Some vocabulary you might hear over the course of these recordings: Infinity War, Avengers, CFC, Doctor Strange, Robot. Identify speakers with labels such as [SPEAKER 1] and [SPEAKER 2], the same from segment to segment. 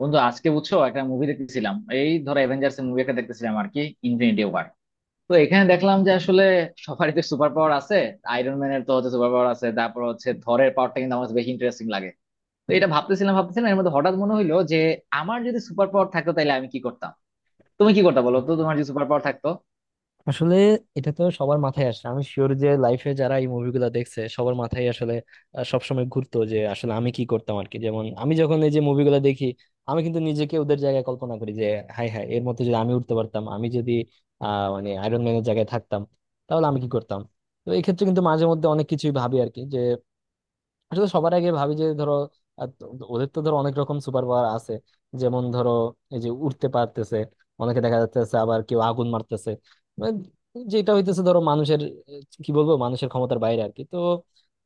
[SPEAKER 1] বন্ধু আজকে বুঝছো একটা মুভি দেখতেছিলাম। এই ধরো অ্যাভেঞ্জার্স মুভি একটা দেখতেছিলাম আর কি। Infinity war. তো এখানে দেখলাম যে আসলে সবারই তো সুপার পাওয়ার আছে। আয়রন ম্যানের তো হচ্ছে সুপার পাওয়ার আছে, তারপর হচ্ছে থরের পাওয়ারটা কিন্তু আমার কাছে বেশি ইন্টারেস্টিং লাগে। তো এটা ভাবতেছিলাম ভাবতেছিলাম এর মধ্যে হঠাৎ মনে হইলো যে আমার যদি সুপার পাওয়ার থাকতো তাহলে আমি কি করতাম। তুমি কি করতে
[SPEAKER 2] আচ্ছা,
[SPEAKER 1] বলো তো,
[SPEAKER 2] আচ্ছা।
[SPEAKER 1] তোমার যদি সুপার পাওয়ার থাকতো।
[SPEAKER 2] আসলে এটা তো সবার মাথায় আসে, আমি শিওর যে লাইফে যারা এই মুভিগুলো দেখছে সবার মাথায় আসলে সবসময় ঘুরতো যে আসলে আমি কি করতাম আর কি। যেমন আমি যখন এই যে মুভিগুলো দেখি, আমি কিন্তু নিজেকে ওদের জায়গায় কল্পনা করি যে হাই হাই এর মধ্যে যদি আমি উঠতে পারতাম, আমি যদি মানে আয়রন ম্যানের জায়গায় থাকতাম, তাহলে আমি কি করতাম। তো এই ক্ষেত্রে কিন্তু মাঝে মধ্যে অনেক কিছুই ভাবি আর কি, যে আসলে সবার আগে ভাবি যে ধরো, ওদের তো ধরো অনেক রকম সুপার পাওয়ার আছে। যেমন ধরো, এই যে উঠতে পারতেছে অনেকে দেখা যাচ্ছে, আবার কেউ আগুন মারতেছে। মানে যেটা হইতেছে ধরো মানুষের, কি বলবো, মানুষের ক্ষমতার বাইরে আর কি। তো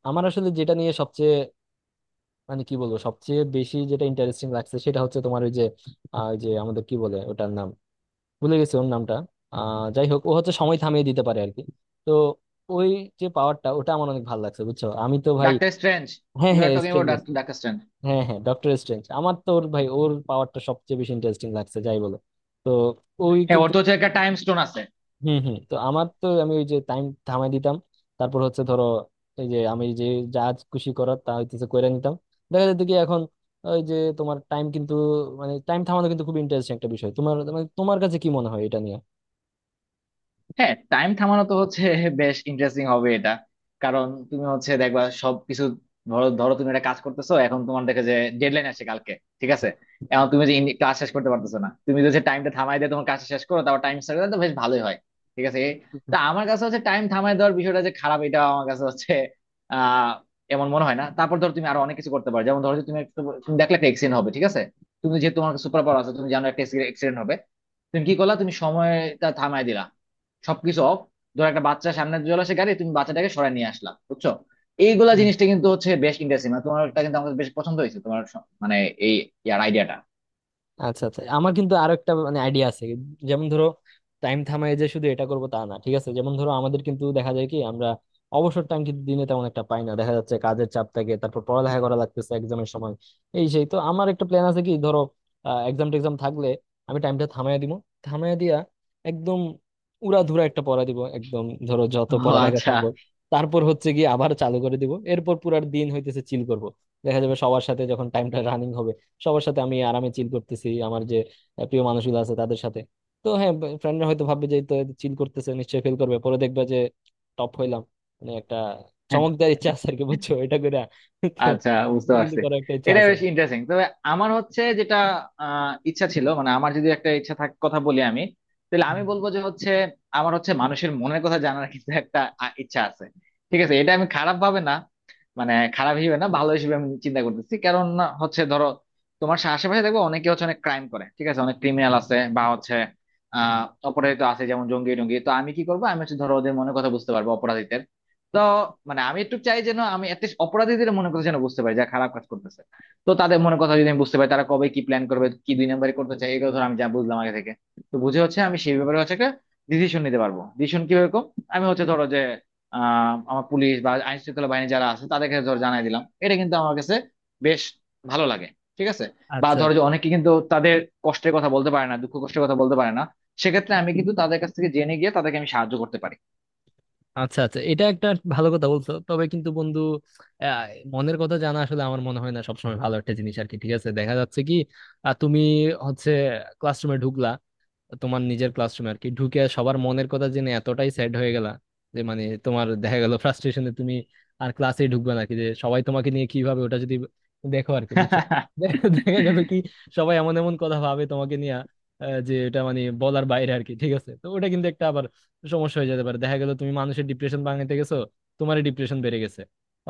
[SPEAKER 2] আমার আসলে যেটা নিয়ে সবচেয়ে মানে কি বলবো, সবচেয়ে বেশি যেটা ইন্টারেস্টিং লাগছে সেটা হচ্ছে তোমার ওই যে ওই যে আমাদের কি বলে ওটার নাম, ভুলে গেছি ওর নামটা। যাই হোক, ও হচ্ছে সময় থামিয়ে দিতে পারে আর কি। তো ওই যে পাওয়ারটা, ওটা আমার অনেক ভালো লাগছে বুঝছো, আমি তো ভাই।
[SPEAKER 1] Doctor strange.
[SPEAKER 2] হ্যাঁ
[SPEAKER 1] ইউ আর
[SPEAKER 2] হ্যাঁ,
[SPEAKER 1] talking
[SPEAKER 2] strange.
[SPEAKER 1] About doctor strange.
[SPEAKER 2] হ্যাঁ হ্যাঁ, ডক্টর স্ট্রেঞ্জ আমার তো ওর, ভাই ওর পাওয়ারটা সবচেয়ে বেশি ইন্টারেস্টিং লাগছে যাই বলো। তো ওই
[SPEAKER 1] হ্যাঁ, ওর
[SPEAKER 2] কিন্তু,
[SPEAKER 1] তো হচ্ছে একটা টাইম স্টোন আছে।
[SPEAKER 2] হুম হুম, তো আমার তো আমি ওই যে টাইম থামাই দিতাম। তারপর হচ্ছে ধরো, এই যে আমি যে যা খুশি করার তা হইতেছে কইরা নিতাম। দেখা যেত কি এখন ওই যে তোমার টাইম কিন্তু মানে টাইম থামানো কিন্তু খুব ইন্টারেস্টিং একটা বিষয়। তোমার মানে তোমার কাছে কি মনে হয় এটা নিয়ে?
[SPEAKER 1] হ্যাঁ, টাইম থামানো তো হচ্ছে বেশ ইন্টারেস্টিং হবে এটা। কারণ তুমি হচ্ছে দেখবা সবকিছু। ধরো ধরো তুমি একটা কাজ করতেছো, এখন তোমার দেখে যে ডেডলাইন আসছে কালকে। ঠিক আছে। এখন তুমি যে কাজ শেষ করতে পারতেছো না, তুমি যদি টাইমটা থামাই দিয়ে তোমার কাজ শেষ করো তারপর টাইম স্টার্ট করো তো বেশ ভালোই হয়। ঠিক আছে। তা আমার কাছে হচ্ছে টাইম থামাই দেওয়ার বিষয়টা যে খারাপ এটা আমার কাছে হচ্ছে আহ এমন মনে হয় না। তারপর ধরো তুমি আরো অনেক কিছু করতে পারো, যেমন ধরো যে তুমি একটা তুমি দেখলে একটা এক্সিডেন্ট হবে। ঠিক আছে। তুমি যেহেতু তোমার সুপার পাওয়ার আছে তুমি জানো একটা এক্সিডেন্ট হবে। তুমি কি করলা? তুমি সময়টা থামাই দিলা, সবকিছু অফ। ধর একটা বাচ্চা সামনে চলে আসে গাড়ি, তুমি বাচ্চাটাকে সরায় নিয়ে আসলা, বুঝছো। এইগুলা জিনিসটা কিন্তু হচ্ছে বেশ ইন্টারেস্টিং, মানে তোমারটা কিন্তু আমাদের বেশ পছন্দ হয়েছে, তোমার মানে এই ইয়ার আইডিয়াটা।
[SPEAKER 2] আচ্ছা আচ্ছা, আমার কিন্তু আরো একটা মানে আইডিয়া আছে। যেমন ধরো, টাইম থামায় যে শুধু এটা করবো তা না, ঠিক আছে? যেমন ধরো, আমাদের কিন্তু দেখা যায় কি, আমরা অবসর টাইম কিন্তু দিনে তেমন একটা পাই না। দেখা যাচ্ছে কাজের চাপ থাকে, তারপর পড়ালেখা করা লাগতেছে এক্সামের সময়। এই সেই, তো আমার একটা প্ল্যান আছে কি, ধরো এক্সাম টেক্সাম থাকলে আমি টাইমটা থামায় দিব। থামায় দিয়া একদম উড়াধুরা একটা পড়া দিব, একদম ধরো যত
[SPEAKER 1] ও
[SPEAKER 2] পড়ালেখা
[SPEAKER 1] আচ্ছা
[SPEAKER 2] সম্ভব। তারপর হচ্ছে গিয়ে আবার চালু করে দিব, এরপর পুরার দিন হইতেছে চিল করব। দেখা যাবে সবার সাথে যখন টাইমটা রানিং হবে, সবার সাথে আমি আরামে চিল করতেছি আমার যে প্রিয় মানুষগুলো আছে তাদের সাথে। তো হ্যাঁ, ফ্রেন্ডরা হয়তো ভাববে যে চিল করতেছে নিশ্চয়ই ফিল করবে, পরে দেখবে যে টপ হইলাম। মানে একটা চমকদার ইচ্ছা আছে আর কি বুঝছো, এটা করে। তো
[SPEAKER 1] আচ্ছা, বুঝতে
[SPEAKER 2] এটা কিন্তু
[SPEAKER 1] পারছি।
[SPEAKER 2] করার একটা ইচ্ছা
[SPEAKER 1] এটা
[SPEAKER 2] আছে।
[SPEAKER 1] বেশ ইন্টারেস্টিং, তবে আমার হচ্ছে যেটা ইচ্ছা ছিল, মানে আমার যদি একটা ইচ্ছা থাক কথা বলি আমি, তাহলে
[SPEAKER 2] হুম।
[SPEAKER 1] আমি বলবো যে হচ্ছে আমার হচ্ছে মানুষের মনের কথা জানার কিন্তু একটা ইচ্ছা আছে। ঠিক আছে, এটা আমি খারাপ ভাবে না, মানে খারাপ হিসেবে না, ভালো হিসেবে আমি চিন্তা করতেছি। কারণ হচ্ছে ধরো তোমার আশেপাশে দেখবো অনেকে হচ্ছে অনেক ক্রাইম করে, ঠিক আছে, অনেক ক্রিমিনাল আছে বা হচ্ছে আহ অপরাধী তো আছে, যেমন জঙ্গি টঙ্গি। তো আমি কি করবো, আমি হচ্ছে ধরো ওদের মনের কথা বুঝতে পারবো, অপরাধীদের। তো মানে আমি একটু চাই যেন আমি অ্যাটলিস্ট অপরাধীদের মনের কথা যেন বুঝতে পারি, যা খারাপ কাজ করতেছে। তো তাদের মনের কথা যদি আমি বুঝতে পারি তারা কবে কি প্ল্যান করবে, কি দুই নাম্বারই করতে চাই, এগুলো ধর আমি যা বুঝলাম আগে থেকে। তো বুঝে হচ্ছে আমি সেই ব্যাপারে হচ্ছে একটা ডিসিশন নিতে পারবো, ডিসিশন কিভাবে কম। আমি হচ্ছে ধরো যে আমার পুলিশ বা আইন শৃঙ্খলা বাহিনী যারা আছে তাদেরকে ধর জানাই দিলাম। এটা কিন্তু আমার কাছে বেশ ভালো লাগে। ঠিক আছে। বা
[SPEAKER 2] আচ্ছা
[SPEAKER 1] ধরো যে অনেকে কিন্তু তাদের কষ্টের কথা বলতে পারে না, দুঃখ কষ্টের কথা বলতে পারে না। সেক্ষেত্রে আমি কিন্তু তাদের কাছ থেকে জেনে গিয়ে তাদেরকে আমি সাহায্য করতে পারি।
[SPEAKER 2] আচ্ছা আচ্ছা, এটা একটা ভালো কথা বলছো, তবে কিন্তু বন্ধু, আহ, মনের কথা জানা আসলে আমার মনে হয় না সবসময় ভালো একটা জিনিস আর কি। ঠিক আছে, দেখা যাচ্ছে কি তুমি হচ্ছে ক্লাসরুমে ঢুকলা, তোমার নিজের ক্লাসরুমে আর কি, ঢুকে সবার মনের কথা জেনে এতটাই স্যাড হয়ে গেলা যে মানে তোমার দেখা গেল ফ্রাস্ট্রেশনে তুমি আর ক্লাসে ঢুকবে না। কি যে সবাই তোমাকে নিয়ে কিভাবে ওটা, যদি দেখো আর কি বুঝছো। দেখা দেখা গেল কি সবাই এমন এমন কথা ভাবে তোমাকে নিয়ে, যে এটা মানে বলার বাইরে আর কি। ঠিক আছে, তো ওটা কিন্তু একটা আবার সমস্যা হয়ে যেতে পারে। দেখা গেল তুমি মানুষের ডিপ্রেশন ভাঙাতে গেছো, তোমারই ডিপ্রেশন বেড়ে গেছে।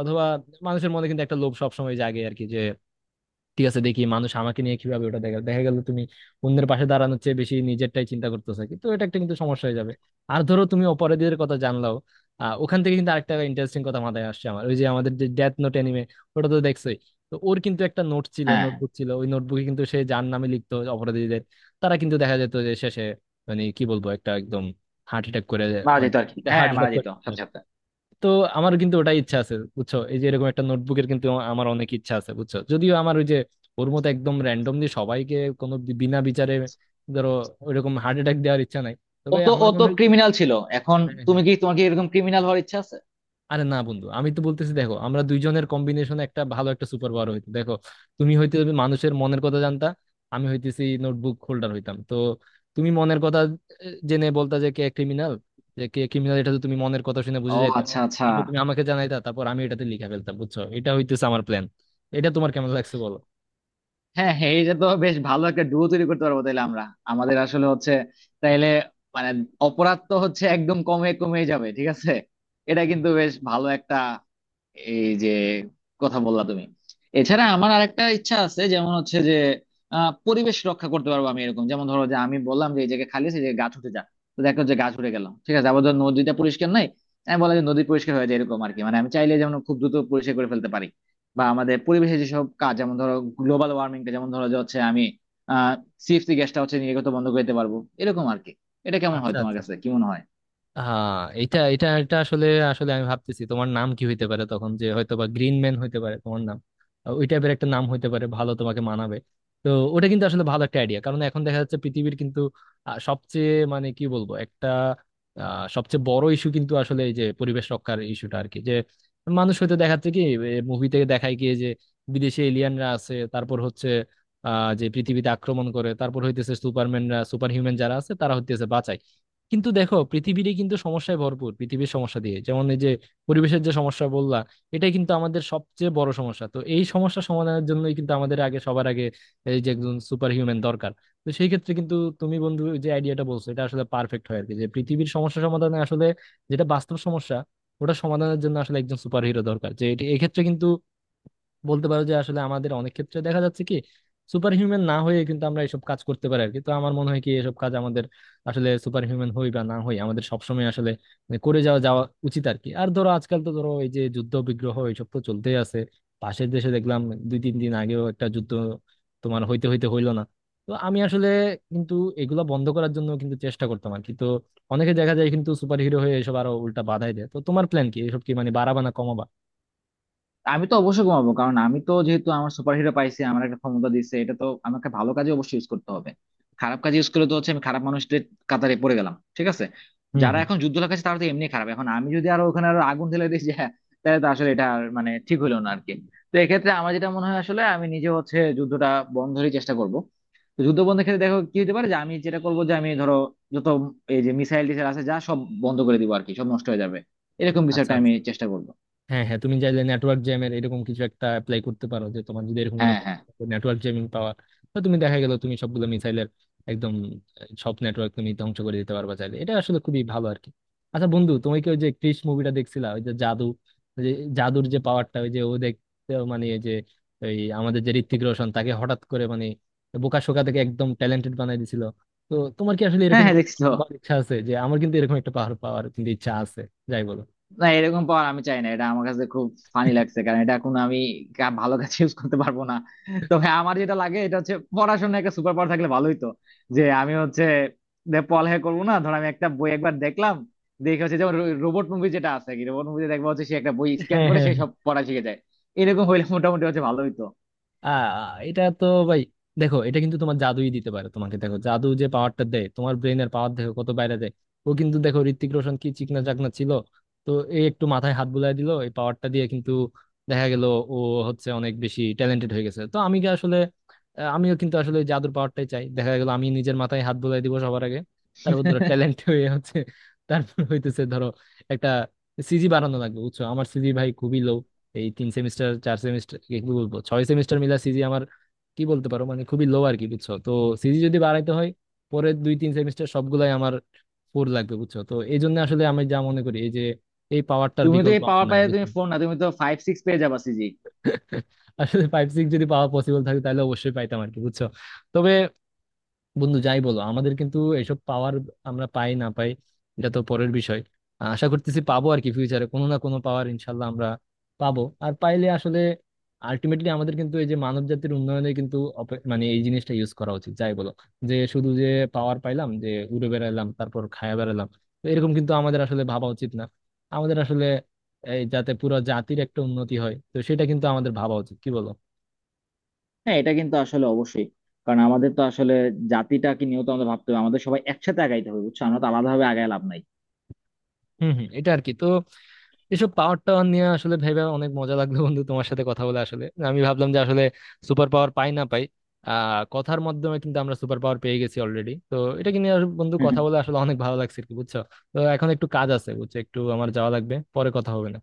[SPEAKER 2] অথবা মানুষের মনে কিন্তু একটা লোভ সবসময় জাগে আর কি, যে ঠিক আছে দেখি মানুষ আমাকে নিয়ে কিভাবে ওটা। দেখা দেখা গেল তুমি অন্যের পাশে দাঁড়ানোর চেয়ে বেশি নিজেরটাই চিন্তা করতেছো কি। তো এটা একটা কিন্তু সমস্যা হয়ে যাবে। আর ধরো তুমি অপরাধীদের কথা জানলাও, ওখান থেকে কিন্তু আরেকটা ইন্টারেস্টিং কথা মাথায় আসছে আমার, ওই যে আমাদের যে ডেথ নোট অ্যানিমে, ওটা তো দেখছোই। তো ওর কিন্তু একটা নোট ছিল,
[SPEAKER 1] হ্যাঁ,
[SPEAKER 2] নোটবুক ছিল, ওই নোটবুকে কিন্তু সে যার নামে লিখতো অপরাধীদের, তারা কিন্তু দেখা যেত যে শেষে মানে কি বলবো একটা একদম হার্ট অ্যাটাক করে।
[SPEAKER 1] মারা
[SPEAKER 2] মানে
[SPEAKER 1] যেত আর কি। হ্যাঁ
[SPEAKER 2] হার্ট
[SPEAKER 1] হ্যাঁ,
[SPEAKER 2] অ্যাটাক
[SPEAKER 1] মারা
[SPEAKER 2] করে,
[SPEAKER 1] যেত সাথে সাথে।
[SPEAKER 2] তো আমার কিন্তু ওটাই ইচ্ছা আছে বুঝছো, এই যে এরকম একটা নোটবুকের কিন্তু আমার অনেক ইচ্ছা আছে বুঝছো। যদিও আমার ওই যে ওর মতো একদম র্যান্ডমলি সবাইকে, কোনো বিনা বিচারে ধরো ওইরকম হার্ট অ্যাটাক দেওয়ার ইচ্ছা নাই।
[SPEAKER 1] ও
[SPEAKER 2] তবে
[SPEAKER 1] তো,
[SPEAKER 2] আমার
[SPEAKER 1] ও
[SPEAKER 2] মনে
[SPEAKER 1] তো
[SPEAKER 2] হয় কি,
[SPEAKER 1] ক্রিমিনাল ছিল। এখন
[SPEAKER 2] হ্যাঁ
[SPEAKER 1] তুমি
[SPEAKER 2] হ্যাঁ,
[SPEAKER 1] কি, তোমার কি এরকম ক্রিমিনাল হওয়ার ইচ্ছা আছে?
[SPEAKER 2] আরে না বন্ধু, আমি তো বলতেছি দেখো, আমরা দুইজনের কম্বিনেশন একটা ভালো একটা সুপার পাওয়ার হইতো। দেখো, তুমি হইতে মানুষের মনের কথা জানতা, আমি হইতেছি নোটবুক হোল্ডার হইতাম। তো তুমি মনের কথা জেনে বলতা যে কে ক্রিমিনাল, যে কে ক্রিমিনাল এটা তো তুমি মনের কথা শুনে বুঝে
[SPEAKER 1] ও
[SPEAKER 2] যাইতা,
[SPEAKER 1] আচ্ছা আচ্ছা।
[SPEAKER 2] তারপর তুমি আমাকে জানাইতা, তারপর আমি এটাতে লিখে ফেলতাম বুঝছো। এটা হইতেছে আমার প্ল্যান, এটা তোমার কেমন লাগছে বলো?
[SPEAKER 1] হ্যাঁ হ্যাঁ, এইটা তো বেশ ভালো একটা ডুও তৈরি করতে পারবো তাহলে আমরা। আমাদের আসলে হচ্ছে তাইলে মানে অপরাধ তো হচ্ছে একদম কমে কমে যাবে। ঠিক আছে। এটা কিন্তু বেশ ভালো একটা এই যে কথা বললা তুমি। এছাড়া আমার আরেকটা ইচ্ছা আছে, যেমন হচ্ছে যে পরিবেশ রক্ষা করতে পারবো আমি এরকম। যেমন ধরো যে আমি বললাম যে এই জায়গায় খালি আছে যে গাছ উঠে যা, তো দেখো যে গাছ উঠে গেলাম। ঠিক আছে। আবার ধর নদীটা পরিষ্কার নাই, আমি বললাম যে নদী পরিষ্কার হয়ে যায়, এরকম আর কি। মানে আমি চাইলে যেমন খুব দ্রুত পরিষ্কার করে ফেলতে পারি। বা আমাদের পরিবেশে যেসব কাজ, যেমন ধরো গ্লোবাল ওয়ার্মিংটা, যেমন ধরো যে হচ্ছে আমি আহ সিএফসি গ্যাসটা হচ্ছে নির্গত বন্ধ করে দিতে পারবো, এরকম আর কি। এটা কেমন হয়,
[SPEAKER 2] আচ্ছা
[SPEAKER 1] তোমার
[SPEAKER 2] আচ্ছা,
[SPEAKER 1] কাছে কি মনে হয়?
[SPEAKER 2] হ্যাঁ, এটা এটা এটা আসলে, আসলে আমি ভাবতেছি তোমার নাম কি হইতে পারে তখন, যে হয়তো বা গ্রিন ম্যান হইতে পারে তোমার নাম, ওই টাইপের একটা নাম হইতে পারে, ভালো তোমাকে মানাবে। তো ওটা কিন্তু আসলে ভালো একটা আইডিয়া, কারণ এখন দেখা যাচ্ছে পৃথিবীর কিন্তু সবচেয়ে মানে কি বলবো একটা সবচেয়ে বড় ইস্যু কিন্তু আসলে এই যে পরিবেশ রক্ষার ইস্যুটা আর কি। যে মানুষ হয়তো দেখাচ্ছে কি, মুভি থেকে দেখায় গিয়ে যে বিদেশে এলিয়ানরা আছে, তারপর হচ্ছে যে পৃথিবীতে আক্রমণ করে, তারপর হইতেছে সুপারম্যানরা সুপার হিউম্যান যারা আছে তারা হইতেছে বাঁচায়। কিন্তু দেখো পৃথিবীরই কিন্তু সমস্যায় ভরপুর, পৃথিবীর সমস্যা দিয়ে, যেমন এই যে পরিবেশের যে সমস্যা বললা, এটা কিন্তু আমাদের সবচেয়ে বড় সমস্যা। তো এই সমস্যা সমাধানের জন্যই কিন্তু আমাদের আগে, সবার আগে এই যে একজন সুপার হিউম্যান দরকার। তো সেই ক্ষেত্রে কিন্তু তুমি বন্ধু যে আইডিয়াটা বলছো এটা আসলে পারফেক্ট হয় আর কি, যে পৃথিবীর সমস্যা সমাধানে আসলে যেটা বাস্তব সমস্যা, ওটা সমাধানের জন্য আসলে একজন সুপার হিরো দরকার। যে এক্ষেত্রে কিন্তু বলতে পারো যে আসলে আমাদের অনেক ক্ষেত্রে দেখা যাচ্ছে কি, সুপার হিউম্যান না হয়ে কিন্তু আমরা এসব কাজ করতে পারি আর কি। তো আমার মনে হয় কি, এসব কাজ আমাদের আসলে সুপার হিউম্যান হই বা না হই, আমাদের সবসময় আসলে মানে করে যাওয়া যাওয়া উচিত আর কি। আর ধরো আজকাল তো ধরো এই যে যুদ্ধ বিগ্রহ এইসব তো চলতেই আছে, পাশের দেশে দেখলাম দুই তিন দিন আগেও একটা যুদ্ধ তোমার হইতে হইতে হইলো না। তো আমি আসলে কিন্তু এগুলা বন্ধ করার জন্য কিন্তু চেষ্টা করতাম আর কি। তো অনেকে দেখা যায় কিন্তু সুপার হিরো হয়ে এসব আরো উল্টা বাধাই দেয়, তো তোমার প্ল্যান কি, এসব কি মানে বাড়াবা না কমাবা?
[SPEAKER 1] আমি তো অবশ্যই ঘুমাবো, কারণ আমি তো যেহেতু আমার সুপারহিরো পাইছি, আমার একটা ক্ষমতা দিচ্ছে, এটা তো আমাকে ভালো কাজে অবশ্যই ইউজ করতে হবে। খারাপ কাজে ইউজ করলে তো হচ্ছে আমি খারাপ মানুষদের কাতারে পড়ে গেলাম। ঠিক আছে।
[SPEAKER 2] হুম
[SPEAKER 1] যারা
[SPEAKER 2] হুম।
[SPEAKER 1] এখন যুদ্ধ লাগাচ্ছে তারা তো এমনি খারাপ, এখন আমি যদি আরো ওখানে আরো আগুন ঢেলে দিই যে হ্যাঁ, তাহলে তো আসলে এটা আর মানে ঠিক হইলো না আরকি। তো এক্ষেত্রে আমার যেটা মনে হয় আসলে আমি নিজে হচ্ছে যুদ্ধটা বন্ধেরই চেষ্টা করব। তো যুদ্ধ বন্ধের ক্ষেত্রে দেখো কি হতে পারে, যে আমি যেটা করবো যে আমি ধরো যত এই যে মিসাইল টিসাইল আছে যা সব বন্ধ করে দিবো আর কি, সব নষ্ট হয়ে যাবে। এরকম কিছু
[SPEAKER 2] আচ্ছা
[SPEAKER 1] একটা
[SPEAKER 2] আচ্ছা,
[SPEAKER 1] আমি চেষ্টা করবো।
[SPEAKER 2] হ্যাঁ হ্যাঁ, তুমি চাইলে নেটওয়ার্ক জ্যামের এরকম কিছু একটা অ্যাপ্লাই করতে পারো, যে তোমার যদি এরকম কোনো
[SPEAKER 1] হ্যাঁ হ্যাঁ।
[SPEAKER 2] নেটওয়ার্ক জ্যামিং পাওয়ার, তো তুমি দেখা গেল তুমি সবগুলো মিসাইলের একদম সব নেটওয়ার্ক তুমি ধ্বংস করে দিতে পারবা চাইলে। এটা আসলে খুবই ভালো আর কি। আচ্ছা বন্ধু, তুমি কি ওই যে ক্রিশ মুভিটা দেখছিলা, ওই যে জাদু, ওই যে জাদুর যে পাওয়ারটা, ওই যে ও দেখতে মানে এই যে ওই আমাদের যে ঋত্বিক রোশন, তাকে হঠাৎ করে মানে বোকা শোকা থেকে একদম ট্যালেন্টেড বানাই দিছিল। তো তোমার কি আসলে
[SPEAKER 1] হ্যাঁ
[SPEAKER 2] এরকম
[SPEAKER 1] হ্যাঁ
[SPEAKER 2] কোনো
[SPEAKER 1] দেখছি তো।
[SPEAKER 2] পাওয়ার ইচ্ছা আছে? যে আমার কিন্তু এরকম একটা পাওয়ার পাওয়ার কিন্তু ইচ্ছা আছে যাই বলো।
[SPEAKER 1] না, এরকম পাওয়ার আমি চাই না, এটা আমার কাছে খুব ফানি লাগছে, কারণ এটা এখন আমি ভালো কাজে ইউজ করতে পারবো না। তবে আমার যেটা লাগে এটা হচ্ছে পড়াশোনায় একটা সুপার পাওয়ার থাকলে ভালোই তো। যে আমি হচ্ছে যে পড়ালেখা করবো না, ধর আমি একটা বই একবার দেখলাম, দেখে হচ্ছে। যেমন রোবট মুভি যেটা আছে, কি রোবট মুভিতে দেখবো হচ্ছে সে একটা বই স্ক্যান
[SPEAKER 2] হ্যাঁ
[SPEAKER 1] করে
[SPEAKER 2] হ্যাঁ।
[SPEAKER 1] সে সব পড়া শিখে যায়। এরকম হইলে মোটামুটি হচ্ছে ভালোই তো।
[SPEAKER 2] আহ এটা তো ভাই, দেখো এটা কিন্তু তোমার জাদুই দিতে পারে তোমাকে। দেখো জাদু যে পাওয়ারটা দেয়, তোমার ব্রেনের পাওয়ার দেখো কত বাইরে যায়। ও কিন্তু দেখো ঋত্বিক রোশন কি চিকনা চাকনা ছিল, তো এই একটু মাথায় হাত বুলাই দিল এই পাওয়ারটা দিয়ে, কিন্তু দেখা গেল ও হচ্ছে অনেক বেশি ট্যালেন্টেড হয়ে গেছে। তো আমি কি আসলে আমিও কিন্তু আসলে ওই জাদুর পাওয়ারটাই চাই। দেখা গেল আমি নিজের মাথায় হাত বুলাই দিব সবার আগে, তারপর ধরো ট্যালেন্ট হয়ে হচ্ছে, তারপর হইতেছে ধরো একটা সিজি বাড়ানো লাগবে বুঝছো। আমার সিজি ভাই খুবই লো, এই তিন সেমিস্টার চার সেমিস্টার কি বলবো ছয় সেমিস্টার মিলা সিজি আমার কি বলতে পারো মানে খুবই লো আর কি বুঝছো। তো সিজি যদি বাড়াইতে হয় পরের দুই তিন সেমিস্টার সবগুলাই আমার ফোর লাগবে বুঝছো। তো এই জন্য আসলে আমি যা মনে করি এই যে এই পাওয়ারটার
[SPEAKER 1] তুমি তো
[SPEAKER 2] বিকল্প
[SPEAKER 1] এই
[SPEAKER 2] আমার
[SPEAKER 1] পাওয়ার
[SPEAKER 2] নাই
[SPEAKER 1] পাইলে
[SPEAKER 2] বুঝছো।
[SPEAKER 1] তুমি ফোন না, তুমি তো 5 6 পেয়ে যাবা সিজি।
[SPEAKER 2] আসলে ফাইভ সিক্স যদি পাওয়া পসিবল থাকে তাহলে অবশ্যই পাইতাম আর কি বুঝছো। তবে বন্ধু যাই বলো, আমাদের কিন্তু এসব পাওয়ার আমরা পাই না পাই এটা তো পরের বিষয়। আশা করতেছি পাবো আর কি, ফিউচারে কোনো না কোনো পাওয়ার ইনশাল্লাহ আমরা পাবো। আর পাইলে আসলে আলটিমেটলি আমাদের কিন্তু এই যে মানব জাতির উন্নয়নে কিন্তু মানে এই জিনিসটা ইউজ করা উচিত যাই বলো। যে শুধু যে পাওয়ার পাইলাম যে উড়ে বেড়ালাম তারপর খায়া বেড়ালাম, তো এরকম কিন্তু আমাদের আসলে ভাবা উচিত না। আমাদের আসলে এই যাতে পুরো জাতির একটা উন্নতি হয়, তো সেটা কিন্তু আমাদের ভাবা উচিত, কি বলো?
[SPEAKER 1] হ্যাঁ, এটা কিন্তু আসলে অবশ্যই। কারণ আমাদের তো আসলে জাতিটাকে নিয়েও তো আমাদের ভাবতে হবে, আমাদের সবাই একসাথে আগাইতে হবে, বুঝছো, আমরা তো আলাদাভাবে আগায় লাভ নাই।
[SPEAKER 2] হম হম, এটা আর কি। তো এসব পাওয়ার টাওয়ার নিয়ে আসলে ভেবে অনেক মজা লাগলো বন্ধু, তোমার সাথে কথা বলে আসলে আমি ভাবলাম যে আসলে সুপার পাওয়ার পাই না পাই, কথার মাধ্যমে কিন্তু আমরা সুপার পাওয়ার পেয়ে গেছি অলরেডি। তো এটা নিয়ে আর বন্ধু কথা বলে আসলে অনেক ভালো লাগছে আর কি বুঝছো। তো এখন একটু কাজ আছে বুঝছো, একটু আমার যাওয়া লাগবে, পরে কথা হবে না।